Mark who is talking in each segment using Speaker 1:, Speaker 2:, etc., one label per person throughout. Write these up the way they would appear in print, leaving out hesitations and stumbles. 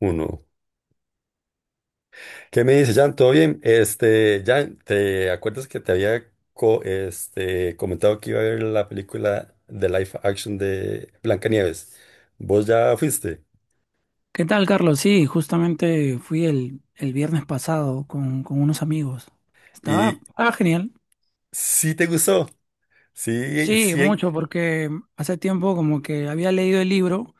Speaker 1: Uno. ¿Qué me dice, Jan? ¿Todo bien? Jan, ¿te acuerdas que te había comentado que iba a ver la película de live action de Blancanieves? ¿Vos ya fuiste?
Speaker 2: ¿Qué tal, Carlos? Sí, justamente fui el viernes pasado con unos amigos. Estaba,
Speaker 1: Y
Speaker 2: estaba genial.
Speaker 1: sí te gustó. Sí,
Speaker 2: Sí,
Speaker 1: sí.
Speaker 2: mucho, porque hace tiempo como que había leído el libro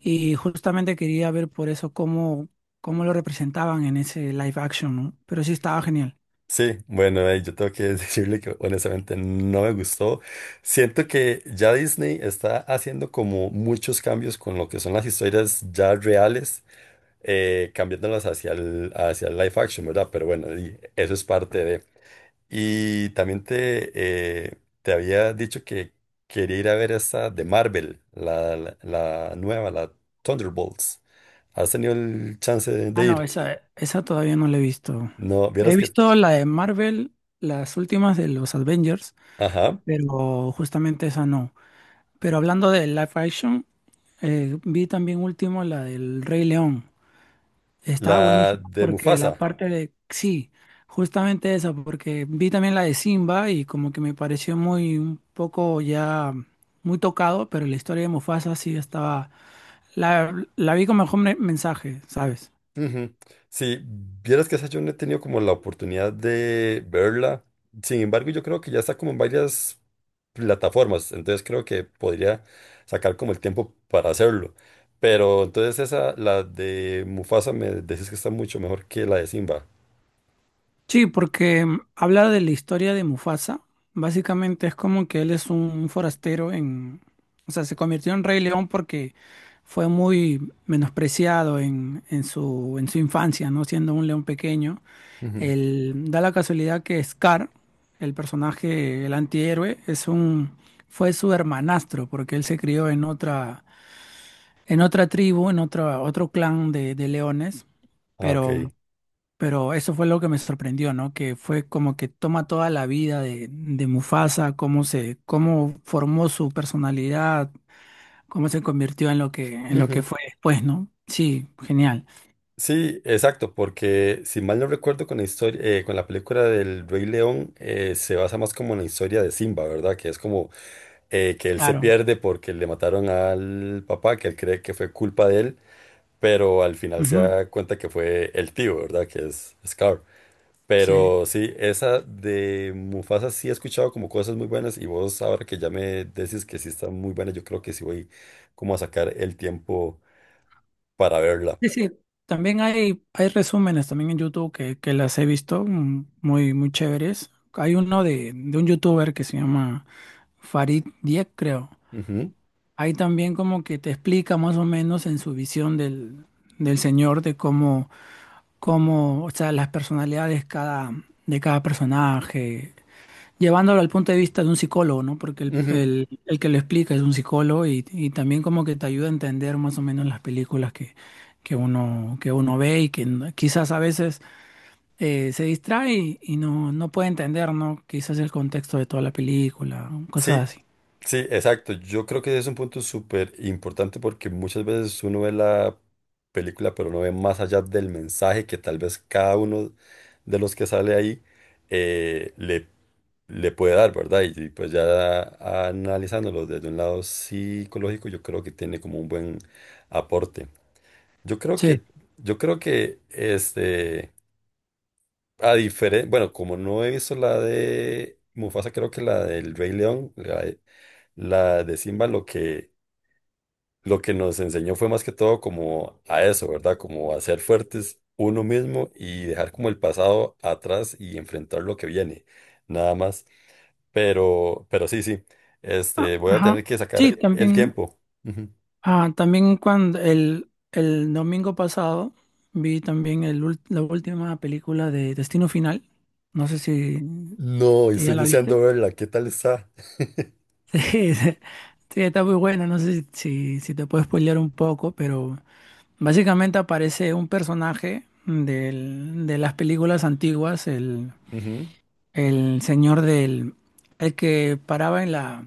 Speaker 2: y justamente quería ver por eso cómo lo representaban en ese live action, ¿no? Pero sí estaba genial.
Speaker 1: Sí, bueno, ahí yo tengo que decirle que honestamente no me gustó. Siento que ya Disney está haciendo como muchos cambios con lo que son las historias ya reales, cambiándolas hacia hacia el live action, ¿verdad? Pero bueno, y eso es parte de... Y también te, eh, te había dicho que quería ir a ver esta de Marvel, la nueva, la Thunderbolts. ¿Has tenido el chance
Speaker 2: Ah,
Speaker 1: de
Speaker 2: no,
Speaker 1: ir?
Speaker 2: esa todavía no la he visto.
Speaker 1: No, vieras
Speaker 2: He
Speaker 1: que...
Speaker 2: visto la de Marvel, las últimas de los Avengers,
Speaker 1: Ajá,
Speaker 2: pero justamente esa no. Pero hablando de live action, vi también último la del Rey León. Estaba
Speaker 1: la
Speaker 2: buenísima
Speaker 1: de
Speaker 2: porque la
Speaker 1: Mufasa.
Speaker 2: parte de... Sí, justamente esa, porque vi también la de Simba y como que me pareció muy un poco ya muy tocado, pero la historia de Mufasa sí estaba... La vi con mejor mensaje, ¿sabes?
Speaker 1: Ujú. Sí, vieras que esa yo no he tenido como la oportunidad de verla. Sin embargo, yo creo que ya está como en varias plataformas, entonces creo que podría sacar como el tiempo para hacerlo. Pero entonces esa, la de Mufasa, me decís que está mucho mejor que la de Simba.
Speaker 2: Sí, porque habla de la historia de Mufasa. Básicamente es como que él es un forastero en, o sea, se convirtió en Rey León porque fue muy menospreciado en su infancia, ¿no? Siendo un león pequeño.
Speaker 1: Ujú.
Speaker 2: Él, da la casualidad que Scar, el personaje, el antihéroe, fue su hermanastro, porque él se crió en otra, tribu, otro clan de leones.
Speaker 1: Ah, ok.
Speaker 2: Pero pero eso fue lo que me sorprendió, ¿no? Que fue como que toma toda la vida de Mufasa, cómo formó su personalidad, cómo se convirtió en lo que
Speaker 1: Ujú.
Speaker 2: fue después, ¿no? Sí, genial.
Speaker 1: Sí, exacto, porque si mal no recuerdo con la historia, con la película del Rey León, se basa más como en la historia de Simba, ¿verdad? Que es como que él se
Speaker 2: Claro.
Speaker 1: pierde porque le mataron al papá, que él cree que fue culpa de él, pero al final se
Speaker 2: Ujú.
Speaker 1: da cuenta que fue el tío, ¿verdad? Que es Scar.
Speaker 2: Sí.
Speaker 1: Pero sí, esa de Mufasa sí he escuchado como cosas muy buenas y vos ahora que ya me decís que sí está muy buena, yo creo que sí voy como a sacar el tiempo para verla.
Speaker 2: Sí, sí. También hay resúmenes también en YouTube que las he visto muy, muy chéveres. Hay uno de un youtuber que se llama Farid Dieck, creo.
Speaker 1: Ujú,
Speaker 2: Ahí también como que te explica más o menos en su visión del, señor de cómo, o sea, las personalidades de cada personaje, llevándolo al punto de vista de un psicólogo, ¿no? Porque el,
Speaker 1: ujú.
Speaker 2: el- el que lo explica es un psicólogo y también como que te ayuda a entender más o menos las películas que uno ve y que quizás a veces se distrae y no puede entender, ¿no? Quizás el contexto de toda la película,
Speaker 1: Sí,
Speaker 2: cosas así.
Speaker 1: sí, exacto. Yo creo que es un punto súper importante porque muchas veces uno ve la película, pero no ve más allá del mensaje que tal vez cada uno de los que sale ahí eh, le, le puede dar, ¿verdad? Y pues ya analizándolo desde un lado psicológico, yo creo que tiene como un buen aporte. Yo creo que,
Speaker 2: Sí.
Speaker 1: yo creo que a diferencia, bueno, como no he visto la de Mufasa, creo que la del Rey León, la de Simba, lo que nos enseñó fue más que todo como a eso, ¿verdad? Como a ser fuertes uno mismo y dejar como el pasado atrás y enfrentar lo que viene, nada más. Pero sí, sí,
Speaker 2: Ah.
Speaker 1: voy a
Speaker 2: Ajá.
Speaker 1: tener que
Speaker 2: Sí,
Speaker 1: sacar el
Speaker 2: también.
Speaker 1: tiempo. Ujú.
Speaker 2: Ah, también cuando el domingo pasado vi también la última película de Destino Final. No sé si
Speaker 1: No,
Speaker 2: si
Speaker 1: estoy
Speaker 2: ya la viste.
Speaker 1: deseando verla, ¿qué tal está?
Speaker 2: Sí, sí, sí, está muy buena. No sé si te puedo spoilear un poco, pero básicamente aparece un personaje de las películas antiguas, el,
Speaker 1: Ujú.
Speaker 2: el señor el que paraba en la,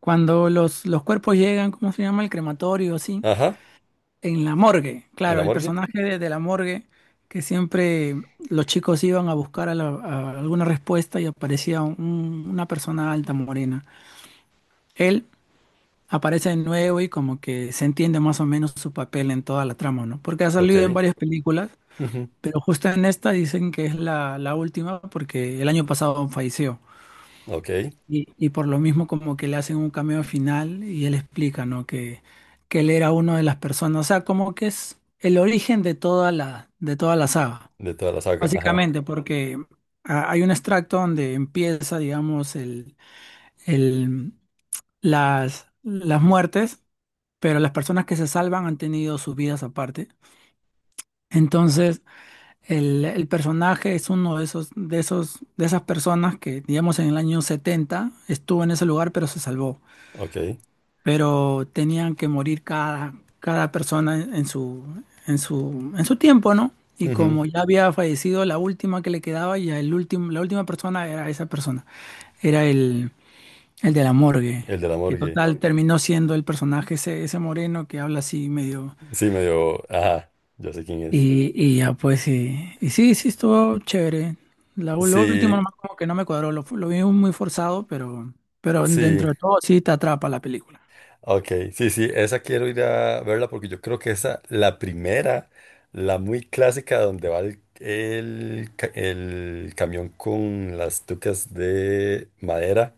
Speaker 2: cuando los cuerpos llegan, ¿cómo se llama? El crematorio, así.
Speaker 1: Ajá,
Speaker 2: En la morgue,
Speaker 1: en
Speaker 2: claro,
Speaker 1: la
Speaker 2: el
Speaker 1: morgue.
Speaker 2: personaje de la morgue, que siempre los chicos iban a buscar a a alguna respuesta y aparecía una persona alta morena. Él aparece de nuevo y como que se entiende más o menos su papel en toda la trama, ¿no? Porque ha salido en
Speaker 1: Ok.
Speaker 2: varias películas,
Speaker 1: Ujú.
Speaker 2: pero justo en esta dicen que es la última porque el año pasado falleció.
Speaker 1: Ok.
Speaker 2: Y por lo mismo como que le hacen un cameo final y él explica, ¿no? Que él era uno de las personas, o sea, como que es el origen de de toda la saga,
Speaker 1: De toda la saga. Ajá.
Speaker 2: básicamente, porque hay un extracto donde empieza, digamos, el, las muertes, pero las personas que se salvan han tenido sus vidas aparte. Entonces, el personaje es uno de esos, de esas personas que, digamos, en el año 70 estuvo en ese lugar, pero se salvó.
Speaker 1: Ok.
Speaker 2: Pero tenían que morir cada persona en su tiempo, ¿no? Y
Speaker 1: Ujú.
Speaker 2: como ya había fallecido la última que le quedaba, ya la última persona era esa persona, era el de la morgue,
Speaker 1: El de la
Speaker 2: que
Speaker 1: morgue.
Speaker 2: total terminó siendo el personaje ese, moreno que habla así medio...
Speaker 1: Sí, medio. Ajá. Yo sé quién es.
Speaker 2: Y ya pues, y sí, sí, estuvo chévere. Lo último
Speaker 1: Sí,
Speaker 2: nomás como que no me cuadró, lo vi muy forzado, pero
Speaker 1: sí.
Speaker 2: dentro de todo sí te atrapa la película.
Speaker 1: Ok, sí, sí, esa quiero ir a verla porque yo creo que esa, la primera, la muy clásica donde va el camión con las tucas de madera,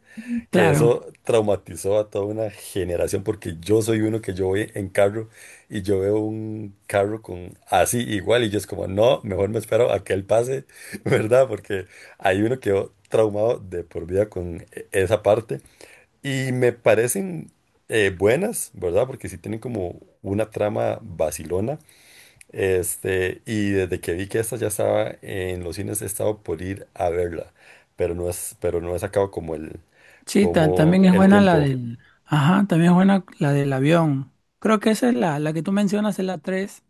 Speaker 1: que
Speaker 2: Claro.
Speaker 1: eso traumatizó a toda una generación porque yo soy uno que yo voy en carro y yo veo un carro con así igual y yo es como, no, mejor me espero a que él pase, ¿verdad? Porque hay uno quedó traumado de por vida con esa parte. Y me parecen buenas, ¿verdad? Porque sí tienen como una trama vacilona. Y desde que vi que esta ya estaba en los cines, he estado por ir a verla. Pero no he sacado como
Speaker 2: Sí,
Speaker 1: como
Speaker 2: también es
Speaker 1: el
Speaker 2: buena la
Speaker 1: tiempo.
Speaker 2: del... Ajá, también es buena la del avión. Creo que esa es la que tú mencionas, es la 3.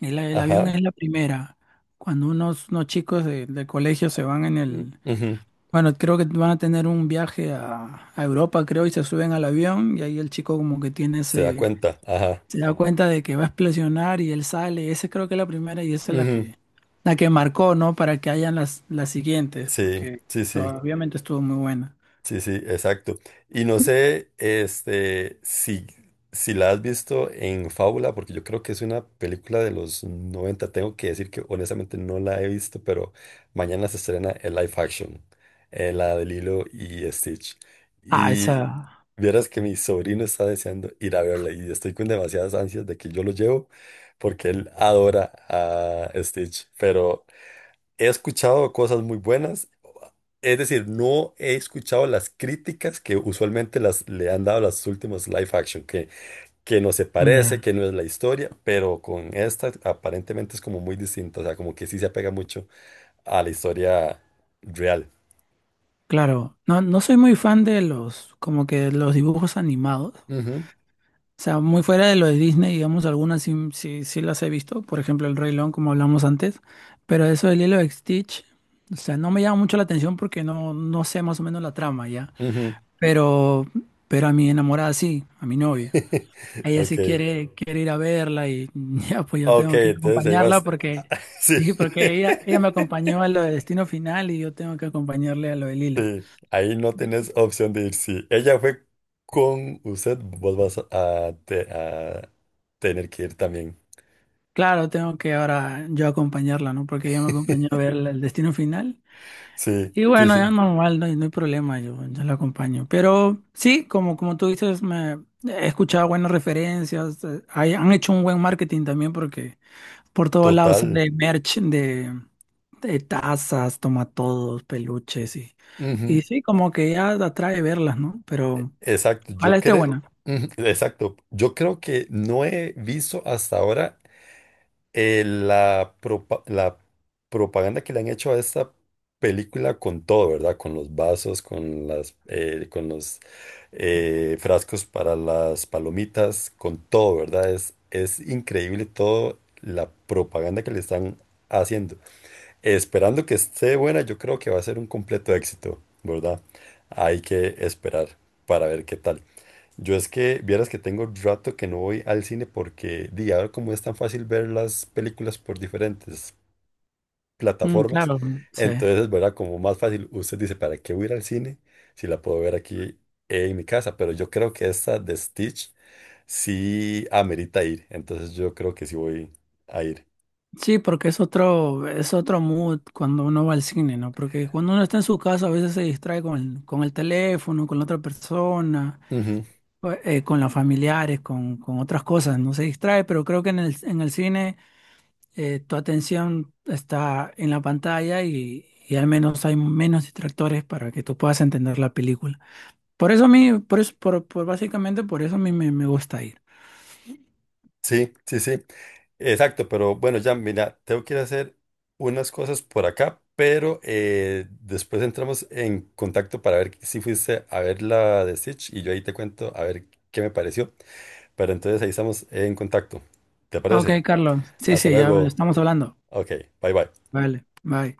Speaker 2: El avión
Speaker 1: Ajá.
Speaker 2: es la primera. Cuando unos chicos de colegio se van en el...
Speaker 1: Ujú.
Speaker 2: Bueno, creo que van a tener un viaje a Europa, creo, y se suben al avión y ahí el chico como que tiene
Speaker 1: Se da
Speaker 2: ese...
Speaker 1: cuenta. Ajá.
Speaker 2: Se da cuenta de que va a explosionar y él sale. Esa creo que es la primera y esa es la
Speaker 1: Ujú.
Speaker 2: que, la que marcó, ¿no? Para que hayan las siguientes,
Speaker 1: Sí,
Speaker 2: porque
Speaker 1: sí,
Speaker 2: o sea,
Speaker 1: sí.
Speaker 2: obviamente estuvo muy buena.
Speaker 1: Sí, sí, exacto. Y no sé, si la has visto en Fábula, porque yo creo que es una película de los 90. Tengo que decir que honestamente no la he visto, pero mañana se estrena el live action, la de Lilo y Stitch.
Speaker 2: Ah,
Speaker 1: Y
Speaker 2: esa...
Speaker 1: vieras que mi sobrino está deseando ir a verla y estoy con demasiadas ansias de que yo lo llevo, porque él adora a Stitch, pero... He escuchado cosas muy buenas, es decir, no he escuchado las críticas que usualmente le han dado las últimas live action, que no se parece,
Speaker 2: ya.
Speaker 1: que no es la historia, pero con esta aparentemente es como muy distinta, o sea, como que sí se apega mucho a la historia real.
Speaker 2: Claro, no, no soy muy fan de como que los dibujos animados.
Speaker 1: Ujú,
Speaker 2: O sea, muy fuera de lo de Disney, digamos, algunas sí, sí, sí las he visto. Por ejemplo, El Rey León, como hablamos antes. Pero eso del Lilo de Stitch, o sea, no me llama mucho la atención porque no, no sé más o menos la trama ya.
Speaker 1: ujú.
Speaker 2: Pero, pero a mi enamorada sí, a mi novia. Ella sí
Speaker 1: Ok,
Speaker 2: quiere ir a verla y ya, pues yo
Speaker 1: ok,
Speaker 2: tengo que ir a
Speaker 1: entonces ahí
Speaker 2: acompañarla
Speaker 1: vas.
Speaker 2: porque,
Speaker 1: Sí.
Speaker 2: sí, porque ella me acompañó a lo de Destino Final y yo tengo que acompañarle a lo de Lilo.
Speaker 1: Sí, ahí no tenés opción de ir. Si ella fue con usted, vos vas a a tener que ir también.
Speaker 2: Claro, tengo que ahora yo acompañarla, ¿no? Porque ella me acompañó a ver el destino final.
Speaker 1: Sí,
Speaker 2: Y
Speaker 1: sí,
Speaker 2: bueno, ya
Speaker 1: sí,
Speaker 2: normal, no, no hay problema, yo la acompaño. Pero sí, como, tú dices, me he escuchado buenas referencias, han hecho un buen marketing también porque por todos lados
Speaker 1: total.
Speaker 2: sale merch de tazas, tomatodos, peluches y,
Speaker 1: Ujú,
Speaker 2: y sí, como que ya atrae verlas, ¿no? Pero
Speaker 1: exacto,
Speaker 2: ojalá esté buena.
Speaker 1: exacto, yo creo que no he visto hasta ahora la propaganda que le han hecho a esta película con todo, ¿verdad? Con los vasos, con los frascos para las palomitas, con todo, ¿verdad? Es increíble todo la propaganda que le están haciendo. Esperando que esté buena, yo creo que va a ser un completo éxito, ¿verdad? Hay que esperar para ver qué tal. Yo es que vieras que tengo rato que no voy al cine porque, di, ahora como es tan fácil ver las películas por diferentes
Speaker 2: Mm,
Speaker 1: plataformas,
Speaker 2: claro, sí.
Speaker 1: entonces, ¿verdad? Como más fácil, usted dice, ¿para qué voy a ir al cine si la puedo ver aquí en mi casa? Pero yo creo que esta de Stitch sí amerita ir, entonces yo creo que sí voy a ir.
Speaker 2: Sí, porque es otro, mood cuando uno va al cine, ¿no? Porque cuando uno está en su casa a veces se distrae con el, teléfono, con la otra persona, o, con los familiares, con, otras cosas, no se distrae, pero creo que en el cine tu atención está en la pantalla y al menos hay menos distractores para que tú puedas entender la película. Por eso a mí, por eso, por básicamente por eso a mí me gusta ir.
Speaker 1: Sí, sí, sí. Exacto, pero bueno, ya mira, tengo que ir a hacer unas cosas por acá, pero después entramos en contacto para ver si fuiste a ver la de Stitch y yo ahí te cuento a ver qué me pareció. Pero entonces ahí estamos en contacto. ¿Te
Speaker 2: Ok,
Speaker 1: parece?
Speaker 2: Carlos. Sí,
Speaker 1: Hasta
Speaker 2: sí, ya
Speaker 1: luego.
Speaker 2: estamos hablando.
Speaker 1: Ok, bye bye.
Speaker 2: Vale, bye.